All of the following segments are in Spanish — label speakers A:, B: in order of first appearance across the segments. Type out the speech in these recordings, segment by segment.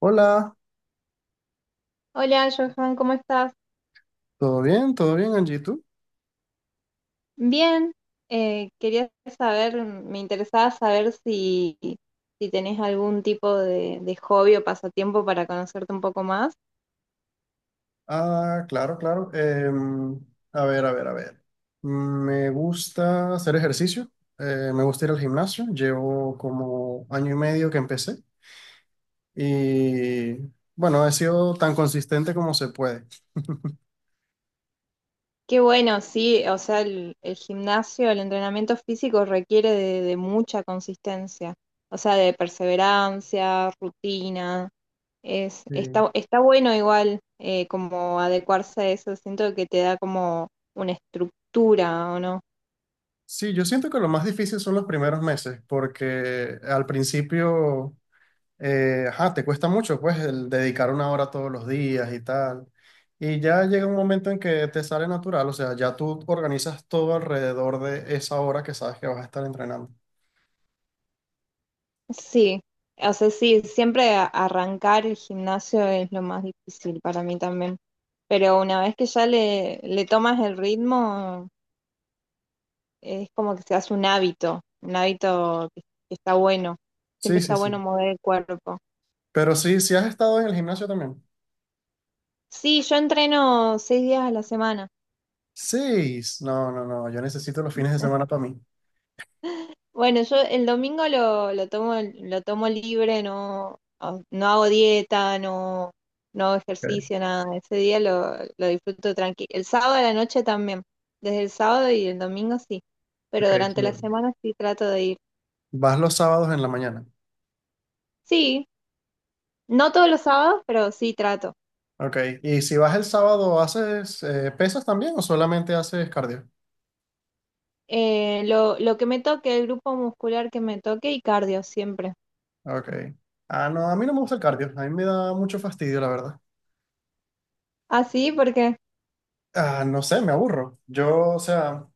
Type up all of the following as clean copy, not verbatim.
A: Hola,
B: Hola, Johan, ¿cómo estás?
A: ¿todo bien? ¿Todo bien, Angie? ¿Tú?
B: Bien, quería saber, me interesaba saber si tenés algún tipo de hobby o pasatiempo para conocerte un poco más.
A: Ah, claro, claro. A ver, a ver, a ver. Me gusta hacer ejercicio, me gusta ir al gimnasio. Llevo como año y medio que empecé y bueno, he sido tan consistente como se puede.
B: Qué bueno, sí, o sea, el gimnasio, el entrenamiento físico requiere de mucha consistencia, o sea, de perseverancia, rutina. Es,
A: Sí,
B: está bueno igual como adecuarse a eso, siento que te da como una estructura, ¿o no?
A: sí, yo siento que lo más difícil son los primeros meses porque al principio ajá, te cuesta mucho, pues, el dedicar una hora todos los días y tal. Y ya llega un momento en que te sale natural, o sea, ya tú organizas todo alrededor de esa hora que sabes que vas a estar entrenando.
B: Sí, o sea, sí, siempre arrancar el gimnasio es lo más difícil para mí también, pero una vez que ya le tomas el ritmo, es como que se hace un hábito que está bueno, siempre
A: Sí, sí,
B: está
A: sí.
B: bueno mover el cuerpo.
A: Pero sí, sí has estado en el gimnasio también.
B: Sí, yo entreno 6 días a la semana.
A: Seis. No, no, no, yo necesito los fines de semana para mí.
B: Bueno, yo el domingo lo tomo, lo tomo libre, no, no hago dieta, no, no hago
A: Ok,
B: ejercicio, nada. Ese día lo disfruto tranquilo. El sábado a la noche también. Desde el sábado y el domingo sí. Pero
A: ok, sí.
B: durante la semana sí trato de ir.
A: Vas los sábados en la mañana.
B: Sí, no todos los sábados, pero sí trato.
A: Ok, y si vas el sábado, ¿haces pesas también o solamente haces cardio?
B: Lo lo que me toque, el grupo muscular que me toque y cardio siempre.
A: Ok. Ah, no, a mí no me gusta el cardio, a mí me da mucho fastidio, la verdad.
B: Ah, sí, porque,
A: Ah, no sé, me aburro. Yo, o sea,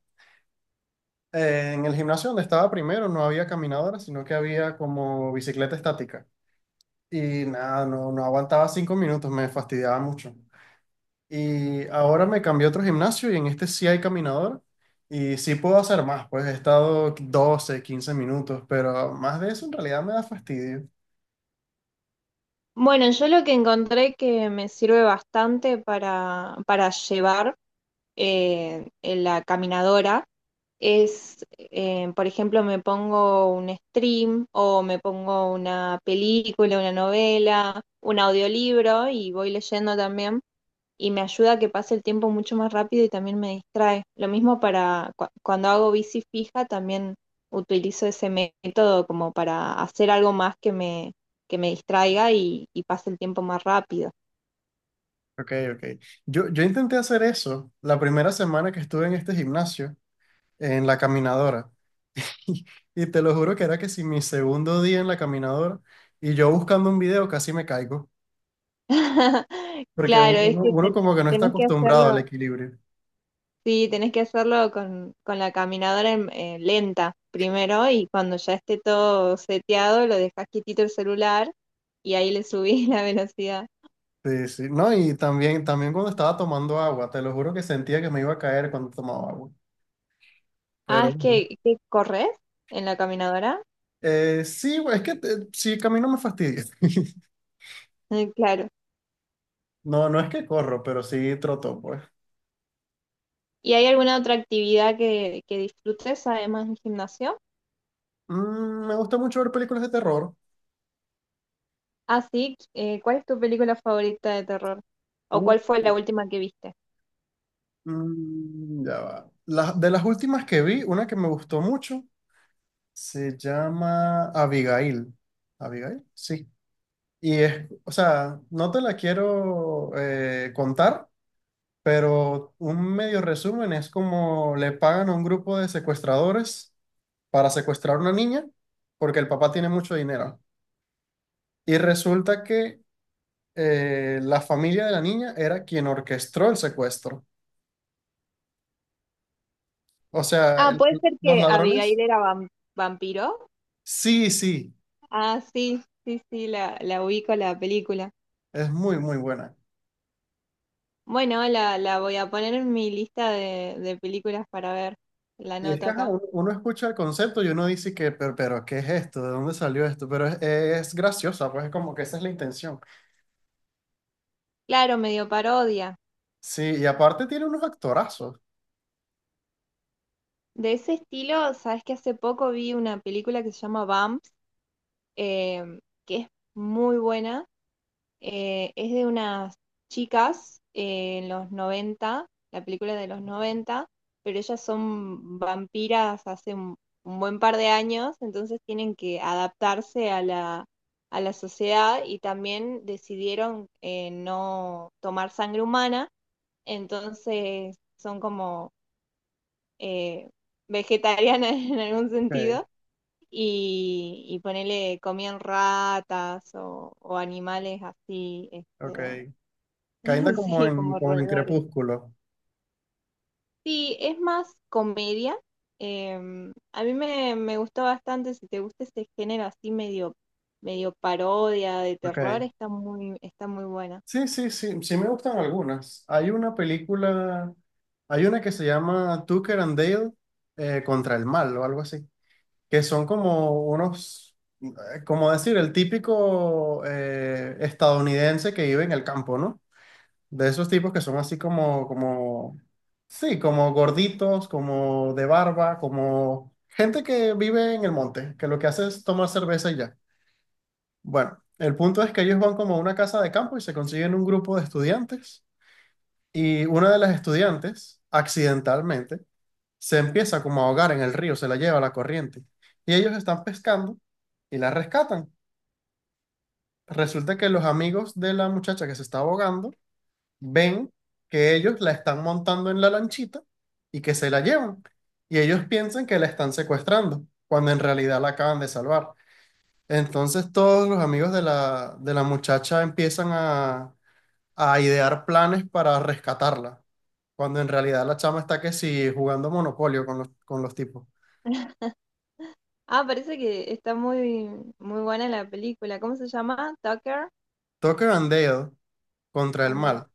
A: en el gimnasio donde estaba primero no había caminadora, sino que había como bicicleta estática. Y nada, no, no aguantaba 5 minutos, me fastidiaba mucho. Y ahora me cambié a otro gimnasio y en este sí hay caminadora. Y sí puedo hacer más, pues he estado 12, 15 minutos, pero más de eso en realidad me da fastidio.
B: bueno, yo lo que encontré que me sirve bastante para llevar. En la caminadora es, por ejemplo, me pongo un stream o me pongo una película, una novela, un audiolibro y voy leyendo también y me ayuda a que pase el tiempo mucho más rápido y también me distrae. Lo mismo para cuando hago bici fija, también utilizo ese método como para hacer algo más que que me distraiga y pase el tiempo más rápido.
A: Ok, ok. Yo intenté hacer eso la primera semana que estuve en este gimnasio, en la caminadora. Y te lo juro que era que si mi segundo día en la caminadora y yo buscando un video casi me caigo, porque
B: Claro, es
A: uno,
B: que
A: uno como que no está
B: tenés que
A: acostumbrado al
B: hacerlo.
A: equilibrio.
B: Sí, tenés que hacerlo con la caminadora lenta primero y cuando ya esté todo seteado lo dejas quietito el celular y ahí le subís la velocidad.
A: Sí, sí. No, y también, también cuando estaba tomando agua, te lo juro que sentía que me iba a caer cuando tomaba agua.
B: Ah,
A: Pero
B: es que corres en la caminadora.
A: sí, es que sí, camino me fastidia.
B: Claro.
A: No, no es que corro, pero sí troto, pues.
B: ¿Y hay alguna otra actividad que disfrutes además del gimnasio?
A: Mm, me gusta mucho ver películas de terror.
B: Ah, sí. ¿Cuál es tu película favorita de terror? ¿O
A: Uh,
B: cuál fue la última que viste?
A: ya va. De las últimas que vi, una que me gustó mucho. Se llama Abigail. ¿Abigail? Sí. Y es, o sea, no te la quiero contar, pero un medio resumen es como le pagan a un grupo de secuestradores para secuestrar a una niña porque el papá tiene mucho dinero. Y resulta que la familia de la niña era quien orquestó el secuestro. O sea,
B: Ah, puede ser
A: los
B: que
A: ladrones.
B: Abigail era vampiro.
A: Sí, sí,
B: Ah, sí, sí, sí, la ubico la película.
A: es muy, muy buena.
B: Bueno, la voy a poner en mi lista de películas para ver. La
A: Y es
B: nota
A: que ajá,
B: acá.
A: uno, uno escucha el concepto y uno dice que, pero, ¿qué es esto? ¿De dónde salió esto? Pero es graciosa, pues es como que esa es la intención.
B: Claro, medio parodia.
A: Sí, y aparte tiene unos actorazos.
B: De ese estilo, sabes que hace poco vi una película que se llama Bumps, eh, que es muy buena. Es de unas chicas en los noventa, la película es de los noventa, pero ellas son vampiras hace un buen par de años, entonces tienen que adaptarse a a la sociedad y también decidieron no tomar sangre humana, entonces son como eh, vegetarianas en algún
A: Ok,
B: sentido. Y ponele, comían ratas o animales así, este.
A: ok. Kinda como
B: Sí,
A: en,
B: como
A: como en
B: roedores.
A: Crepúsculo.
B: Sí, es más comedia. A mí me gustó bastante, si te gusta ese género así medio, medio parodia de terror,
A: Ok.
B: está muy buena.
A: Sí, sí, sí, sí me gustan algunas. Hay una película, hay una que se llama Tucker and Dale contra el mal o algo así, que son como unos como decir, el típico estadounidense que vive en el campo, ¿no? De esos tipos que son así como, como, sí, como gorditos, como de barba, como gente que vive en el monte, que lo que hace es tomar cerveza y ya. Bueno, el punto es que ellos van como a una casa de campo y se consiguen un grupo de estudiantes y una de las estudiantes, accidentalmente, se empieza como a ahogar en el río, se la lleva la corriente y ellos están pescando y la rescatan. Resulta que los amigos de la muchacha que se está ahogando ven que ellos la están montando en la lanchita y que se la llevan. Y ellos piensan que la están secuestrando, cuando en realidad la acaban de salvar. Entonces todos los amigos de la muchacha empiezan a idear planes para rescatarla, cuando en realidad la chama está que sí jugando Monopolio con los tipos.
B: Ah, parece que está muy, muy buena la película. ¿Cómo se llama? Tucker
A: Toque bandeo contra el
B: and
A: mal.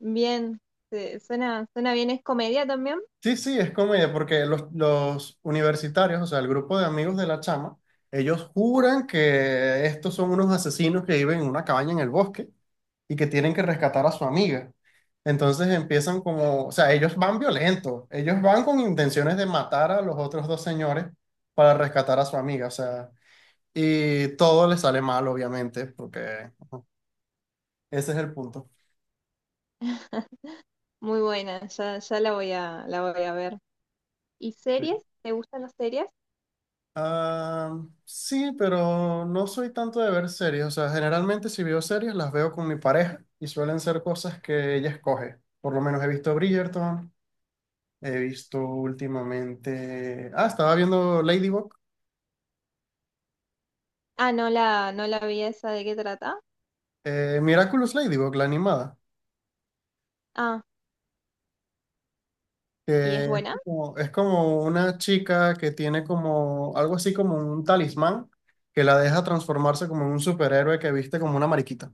B: Bien, suena, suena bien, es comedia también.
A: Sí, sí, es comedia, porque los universitarios, o sea, el grupo de amigos de la chama, ellos juran que estos son unos asesinos que viven en una cabaña en el bosque y que tienen que rescatar a su amiga. Entonces empiezan como, o sea, ellos van violentos, ellos van con intenciones de matar a los otros dos señores para rescatar a su amiga, o sea, y todo les sale mal, obviamente, porque ese es el punto.
B: Muy buena, ya, ya la voy la voy a ver. ¿Y series? ¿Te gustan las series?
A: Ah, sí, pero no soy tanto de ver series. O sea, generalmente si veo series las veo con mi pareja y suelen ser cosas que ella escoge. Por lo menos he visto Bridgerton, he visto últimamente... Ah, estaba viendo Ladybug,
B: Ah, no no la vi esa, ¿de qué trata?
A: Miraculous Ladybug, la animada,
B: Ah, ¿y es
A: que
B: buena?
A: es como una chica que tiene como algo así como un talismán que la deja transformarse como en un superhéroe que viste como una mariquita.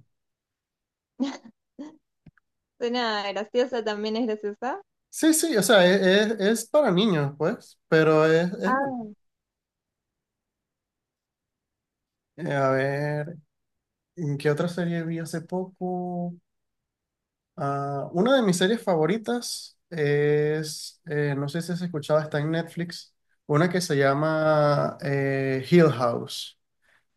B: Suena graciosa, también es graciosa.
A: Sí, sí, o sea, es, es para niños, pues, pero es, es.
B: Ah,
A: A ver, ¿en qué otra serie vi hace poco? Ah, una de mis series favoritas es, no sé si has escuchado, está en Netflix, una que se llama Hill House,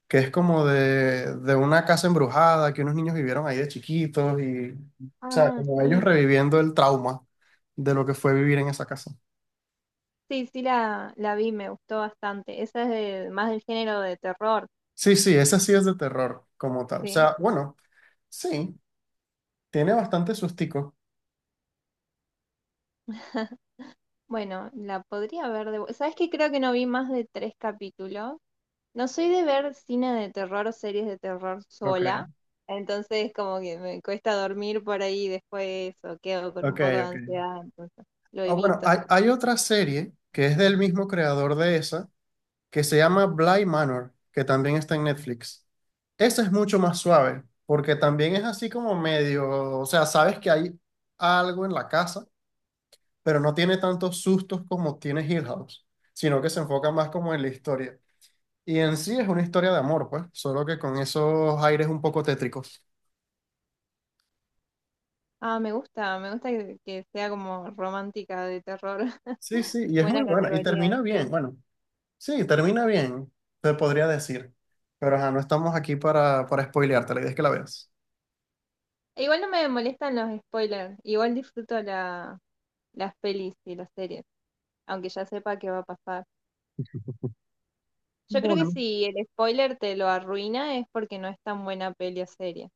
A: que es como de una casa embrujada que unos niños vivieron ahí de chiquitos y, o sea,
B: ah,
A: como ellos
B: sí.
A: reviviendo el trauma de lo que fue vivir en esa casa.
B: Sí, sí la vi, me gustó bastante. Esa es más del género de terror,
A: Sí, sí, esa sí es de terror como tal. O
B: sí.
A: sea, bueno, sí, tiene bastante sustico.
B: Bueno, la podría ver de... ¿Sabes qué? Creo que no vi más de 3 capítulos. No soy de ver cine de terror o series de terror
A: Ok,
B: sola, entonces como que me cuesta dormir por ahí después o quedo con un
A: ok,
B: poco de
A: ok.
B: ansiedad, entonces lo
A: Ah, bueno,
B: evito.
A: hay otra serie que es del mismo creador de esa, que se llama Bly Manor, que también está en Netflix. Esa es mucho más suave, porque también es así como medio, o sea, sabes que hay algo en la casa, pero no tiene tantos sustos como tiene Hill House, sino que se enfoca más como en la historia. Y en sí es una historia de amor, pues, solo que con esos aires un poco tétricos.
B: Ah, me gusta que sea como romántica de terror.
A: Sí, sí, y es muy
B: Buena
A: buena, y
B: categoría
A: termina bien.
B: esa.
A: Bueno, sí, termina bien, te podría decir. Pero ajá, no estamos aquí para spoilearte, la idea es que la veas.
B: E igual no me molestan los spoilers. Igual disfruto las pelis y las series, aunque ya sepa qué va a pasar. Yo creo que
A: Bueno.
B: si el spoiler te lo arruina es porque no es tan buena peli o serie.